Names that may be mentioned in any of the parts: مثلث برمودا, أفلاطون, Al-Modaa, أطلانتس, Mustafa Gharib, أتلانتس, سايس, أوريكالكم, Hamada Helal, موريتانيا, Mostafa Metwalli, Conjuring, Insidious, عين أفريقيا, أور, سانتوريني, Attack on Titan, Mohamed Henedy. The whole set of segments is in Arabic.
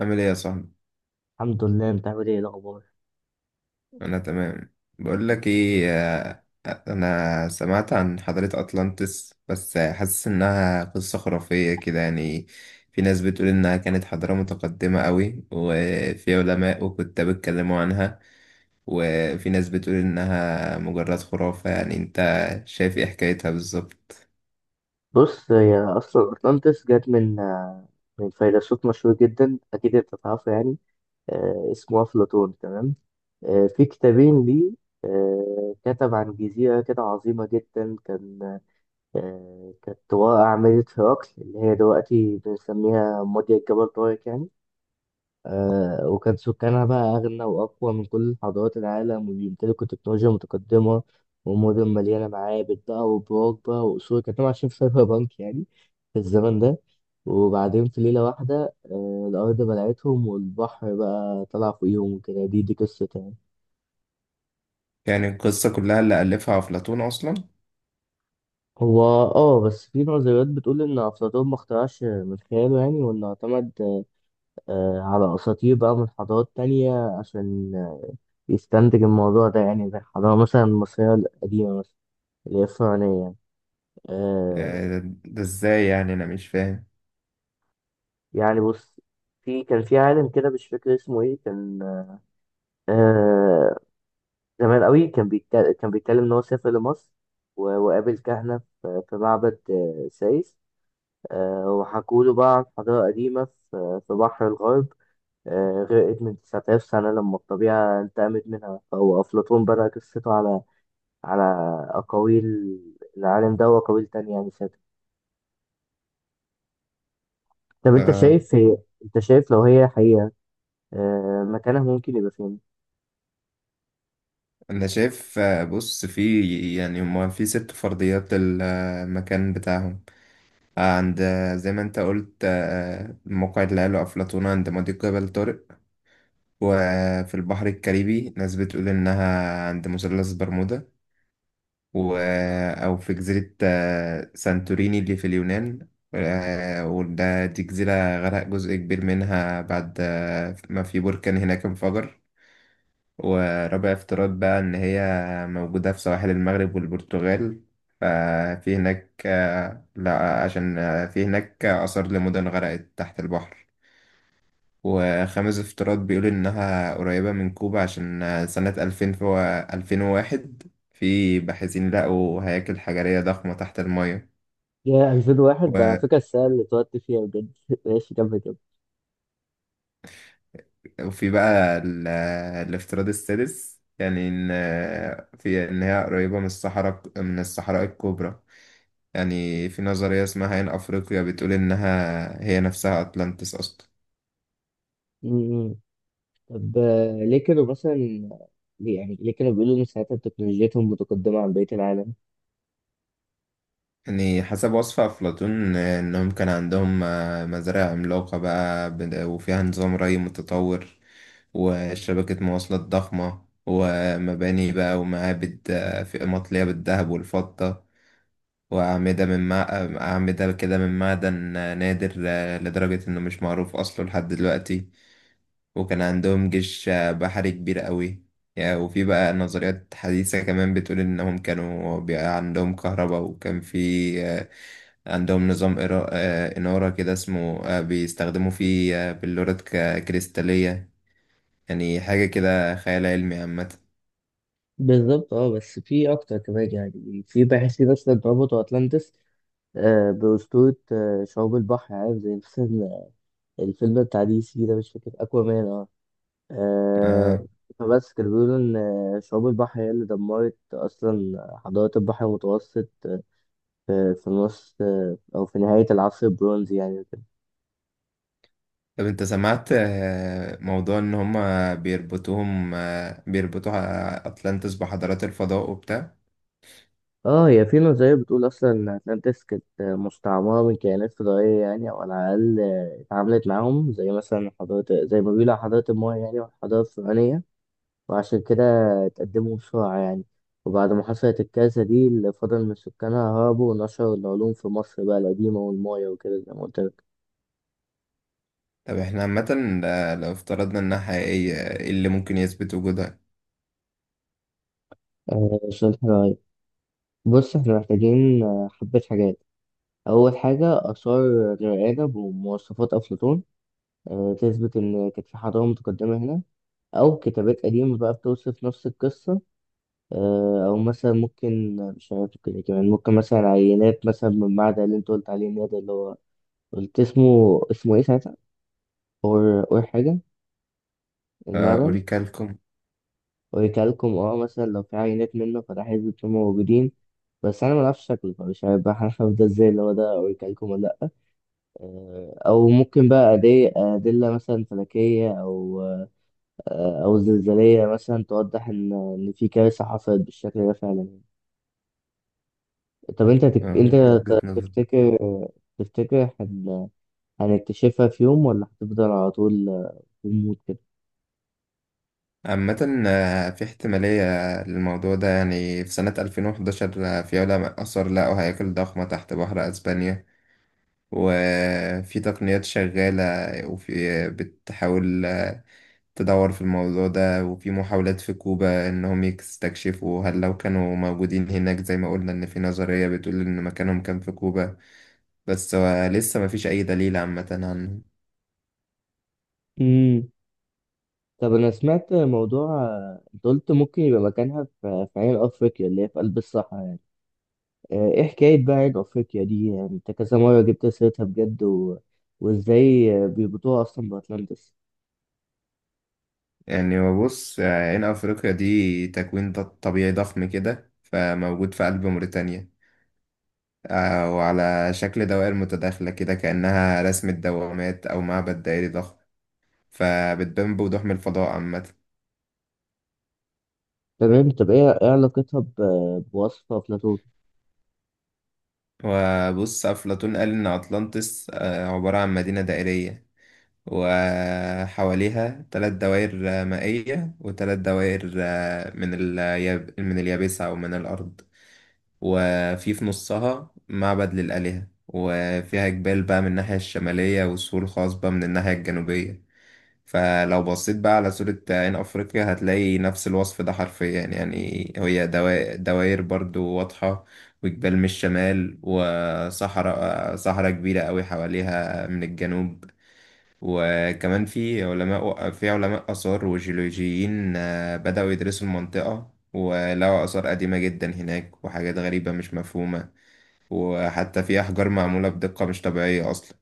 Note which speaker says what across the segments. Speaker 1: عامل ايه يا صاحبي؟
Speaker 2: الحمد لله، انت عامل ايه الاخبار؟
Speaker 1: انا تمام. بقول لك ايه، انا سمعت عن حضارة اطلانتس، بس حاسس انها قصة خرافية كده يعني. في ناس بتقول انها كانت حضارة متقدمة قوي وفي علماء وكتاب اتكلموا عنها، وفي ناس بتقول انها مجرد خرافة. يعني انت شايف ايه حكايتها بالظبط؟
Speaker 2: بص، هي اصلا اطلانتس جت من من فيلسوف مشهور جدا، اكيد انت تعرفه يعني. اسمه افلاطون، تمام. في كتابين ليه. كتب عن جزيرة كده عظيمة جدا، كان كانت واقع عملة هرقل اللي هي دلوقتي بنسميها مضيق جبل طارق يعني. وكان سكانها بقى أغنى وأقوى من كل حضارات العالم، وبيمتلكوا تكنولوجيا متقدمة ومدن مليانة معابد بقى وبراج بقى وقصور، كانوا عايشين في سايبر بانك يعني في الزمن ده. وبعدين في ليلة واحدة الأرض بلعتهم والبحر بقى طلع فوقيهم، وكده دي قصة يعني.
Speaker 1: يعني القصة كلها اللي ألفها أفلاطون أصلا؟
Speaker 2: هو بس في نظريات بتقول إن أفلاطون ما اخترعش من خياله يعني، وإنه اعتمد على أساطير بقى من حضارات تانية عشان يستنتج الموضوع ده، يعني زي الحضارة مثلا المصرية القديمة مثلا، اللي هي الفرعونية يعني. آه
Speaker 1: ده ده ازاي يعني؟ أنا مش فاهم.
Speaker 2: يعني بص، في كان في عالم كده مش فاكر اسمه ايه، كان آه زمان قوي، كان بيتكلم ان هو سافر لمصر وقابل كهنة في في معبد سايس. وحكوا له بقى عن حضارة قديمة في في بحر الغرب. غرقت من 9000 سنة لما الطبيعة انتقمت منها، فهو أفلاطون بدأ قصته على أقاويل العالم ده وأقاويل تانية يعني. طب
Speaker 1: آه.
Speaker 2: انت شايف لو هي حقيقة مكانها ممكن يبقى فين؟
Speaker 1: انا شايف، بص، في يعني هما في ست فرضيات المكان بتاعهم. عند، زي ما انت قلت، موقع اللي قاله افلاطون عند مضيق جبل طارق. وفي البحر الكاريبي ناس بتقول انها عند مثلث برمودا. و او في جزيرة، سانتوريني اللي في اليونان. آه، وده دي جزيرة غرق جزء كبير منها بعد، ما في بركان هناك انفجر. ورابع افتراض بقى إن هي موجودة في سواحل المغرب والبرتغال. ففي هناك، آه، لا عشان، في هناك آثار لمدن غرقت تحت البحر. وخامس افتراض بيقول إنها قريبة من كوبا، عشان، سنة ألفين وواحد في باحثين لقوا هياكل حجرية ضخمة تحت المية.
Speaker 2: يا 2001، ده على
Speaker 1: و-
Speaker 2: فكرة السنة اللي اتولدت فيها بجد ماشي، كمل كده.
Speaker 1: وفي بقى الافتراض السادس، يعني إن، آه، في إن هي قريبة من الصحراء، من الصحراء الكبرى. يعني في نظرية اسمها عين أفريقيا بتقول إنها هي نفسها أتلانتس أصلا.
Speaker 2: مم. طب آه، ليه كانوا مثلا ليه يعني ليه كانوا بيقولوا ان ساعتها تكنولوجيتهم متقدمة عن بقية العالم؟
Speaker 1: يعني حسب وصف أفلاطون، إنهم كان عندهم، مزارع عملاقة بقى وفيها نظام ري متطور، وشبكة مواصلات ضخمة، ومباني بقى ومعابد، في مطلية بالذهب والفضة. وأعمدة من مع... أعمدة كده من معدن، نادر، لدرجة إنه مش معروف أصله لحد دلوقتي. وكان عندهم جيش، بحري كبير قوي يعني. وفي بقى نظريات حديثة كمان بتقول إنهم كانوا بقى عندهم كهرباء، وكان في، آه، عندهم نظام إنارة كده اسمه، بيستخدموا فيه، بلورات كريستالية. يعني حاجة كده خيال علمي عامة.
Speaker 2: بالظبط. اه بس في اكتر كمان يعني. في باحثين اصلا ربطوا اتلانتس بأسطورة شعوب البحر، عارف، زي مثلا الفيلم بتاع دي سي ده، مش فاكر، اكوامان. آه،
Speaker 1: آه،
Speaker 2: فبس كانوا بيقولوا إن شعاب البحر هي اللي دمرت أصلا حضارات البحر المتوسط في نص أو في نهاية العصر البرونزي يعني وكده.
Speaker 1: طب أنت سمعت، موضوع إن هما بيربطوهم آه، بيربطوا أتلانتس بحضارات الفضاء وبتاع؟
Speaker 2: اه هي في نظرية بتقول أصلا إن أتلانتس كانت مستعمرة من كائنات فضائية يعني، أو على الأقل اتعاملت معاهم، زي مثلا حضارة زي ما بيقولوا على حضارة المايا يعني والحضارة الفرعونية، وعشان كده اتقدموا بسرعة يعني. وبعد ما حصلت الكارثة دي، اللي فضل من سكانها هربوا ونشروا العلوم في مصر بقى القديمة والمايا وكده، زي ما قلت لك.
Speaker 1: طب احنا عامة، لو افترضنا انها حقيقية، ايه اللي ممكن يثبت وجودها؟
Speaker 2: شوية حاجات. بص احنا محتاجين حبة حاجات. أول حاجة، آثار رؤية بمواصفات أفلاطون تثبت إن كانت في حضارة متقدمة هنا، أو كتابات قديمة بقى بتوصف نفس القصة، أو مثلا ممكن، مش عارف كده، كمان ممكن مثلا عينات مثلا من المعدن اللي أنت قلت عليه إن هو ده، اللي هو قلت اسمه إيه ساعتها؟ أور حاجة، المعدن.
Speaker 1: أوريكالكم.
Speaker 2: ويكلكم، مثلا لو في عينات منه، فده هيبقوا موجودين. بس انا ملعبش شكله، فمش هيبقى هنعرف ده ازاي اللي هو ده اوريكالكم ولا لا. او ممكن بقى ادله مثلا فلكيه، او او زلزاليه مثلا توضح ان في كارثه حصلت بالشكل ده فعلا. طب انت تك... انت
Speaker 1: وجهة
Speaker 2: ت-
Speaker 1: نظر.
Speaker 2: تفتكر تفتكر هنكتشفها في يوم، ولا هتفضل على طول في الموت
Speaker 1: عامة، في احتمالية للموضوع ده. يعني في سنة 2011، في علماء آثار لقوا هياكل ضخمة تحت بحر أسبانيا، وفي تقنيات شغالة وفي بتحاول، تدور في الموضوع ده. وفي محاولات في كوبا إنهم يستكشفوا، هل لو كانوا موجودين هناك زي ما قلنا إن في نظرية بتقول إن مكانهم كان في كوبا. بس، لسه مفيش أي دليل عامة عنه.
Speaker 2: كده؟ طب انا سمعت موضوع. انت قلت ممكن يبقى مكانها في عين افريقيا اللي هي في قلب الصحراء يعني. ايه حكايه بقى عين افريقيا دي يعني؟ انت كذا مره جبت سيرتها بجد وازاي بيربطوها اصلا باتلانتس؟
Speaker 1: يعني ببص، عين أفريقيا دي تكوين طبيعي ضخم كده، فموجود في قلب موريتانيا، وعلى شكل دوائر متداخلة كده، كأنها رسمة دوامات أو معبد دائري ضخم، فبتبان بوضوح من الفضاء عامة.
Speaker 2: تمام. طب إيه علاقتها بوصفه افلاطون؟
Speaker 1: وبص، أفلاطون قال إن أطلانتس، عبارة عن مدينة دائرية، وحواليها ثلاث دوائر، مائية، وثلاث دوائر، من اليابسة أو من الأرض. وفي نصها معبد للآلهة، وفيها جبال بقى من الناحية الشمالية، والسور الخاص بقى من الناحية الجنوبية. فلو بصيت بقى على صورة عين أفريقيا، هتلاقي نفس الوصف ده حرفيا. يعني هي دوائر برضو واضحة، وجبال من الشمال، صحراء كبيرة أوي حواليها من الجنوب. وكمان في علماء آثار وجيولوجيين، بدأوا يدرسوا المنطقة، ولقوا آثار قديمة جدا هناك، وحاجات غريبة مش مفهومة، وحتى في أحجار معمولة بدقة مش طبيعية أصلا.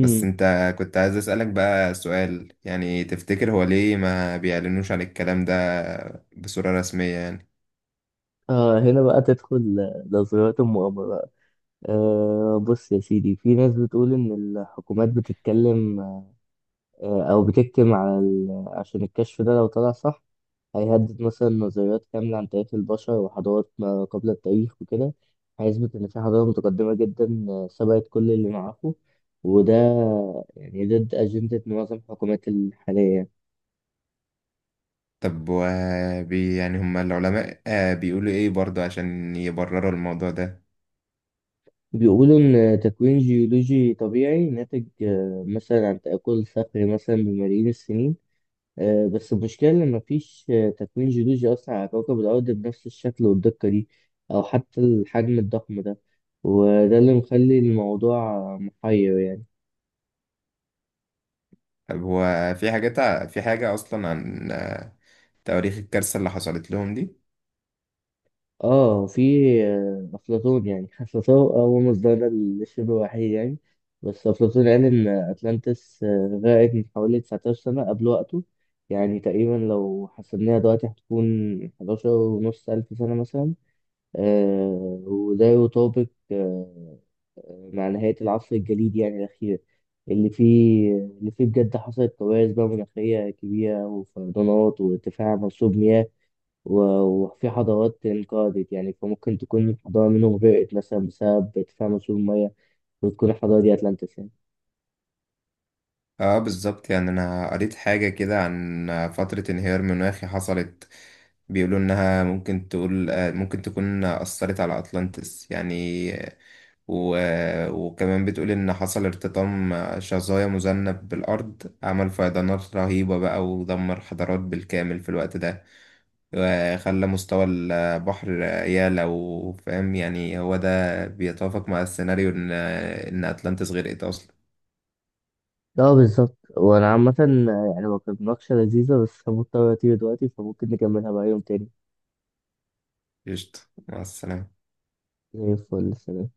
Speaker 1: بس أنت، كنت عايز أسألك بقى سؤال، يعني تفتكر هو ليه ما بيعلنوش عن الكلام ده بصورة رسمية يعني؟
Speaker 2: اه هنا بقى تدخل نظريات المؤامره بقى. آه، بص يا سيدي، في ناس بتقول ان الحكومات بتتكلم او بتكتم عشان الكشف ده لو طلع صح هيهدد مثلا نظريات كاملة عن تاريخ البشر وحضارات ما قبل التاريخ وكده، هيثبت إن في حضارة متقدمة جدا سبقت كل اللي معاهم، وده يعني ضد أجندة معظم الحكومات الحالية.
Speaker 1: طب و يعني هما العلماء، بيقولوا إيه برضه عشان يبرروا الموضوع ده؟
Speaker 2: بيقولوا إن تكوين جيولوجي طبيعي ناتج مثلا عن تآكل صخري مثلا بملايين السنين، بس المشكلة إن مفيش تكوين جيولوجي أصلا على كوكب الأرض بنفس الشكل والدقة دي، أو حتى الحجم الضخم ده. وده اللي مخلي الموضوع محير يعني.
Speaker 1: طب هو في حاجات في حاجة أصلا عن، تواريخ الكارثة اللي حصلت لهم دي؟
Speaker 2: اه في افلاطون يعني حسسه، هو مصدرنا للشبه الوحيد يعني. بس افلاطون قال ان اتلانتس غرقت من حوالي 19 سنه قبل وقته، يعني تقريبا لو حسبناها دلوقتي هتكون 11 ونص الف سنه مثلا. وده يطابق آه مع نهايه العصر الجليدي يعني الاخير، اللي فيه بجد حصلت كوارث بقى مناخيه كبيره وفيضانات وارتفاع منسوب مياه، وفي حضارات انقرضت يعني. فممكن تكون حضارة منهم غرقت مثلا بسبب ارتفاع مستوى المية، وتكون الحضارة دي أتلانتس يعني.
Speaker 1: اه بالظبط، يعني انا قريت حاجة كده عن فترة انهيار مناخي حصلت، بيقولوا انها ممكن تقول، ممكن تكون اثرت على اطلانتس يعني، آه، و... آه، وكمان بتقول ان حصل ارتطام شظايا مذنب بالارض، عمل فيضانات رهيبة بقى، ودمر حضارات بالكامل في الوقت ده، وخلى مستوى البحر يعلى. وفاهم يعني، هو ده بيتوافق مع السيناريو ان اتلانتس غرقت اصلا.
Speaker 2: اه بالظبط. وانا عامة يعني ما كانت مناقشة لذيذة، بس مضطر اطير دلوقتي، فممكن نكملها بقى يوم تاني.
Speaker 1: قشطة، مع السلامة.
Speaker 2: زي الفل، سلام.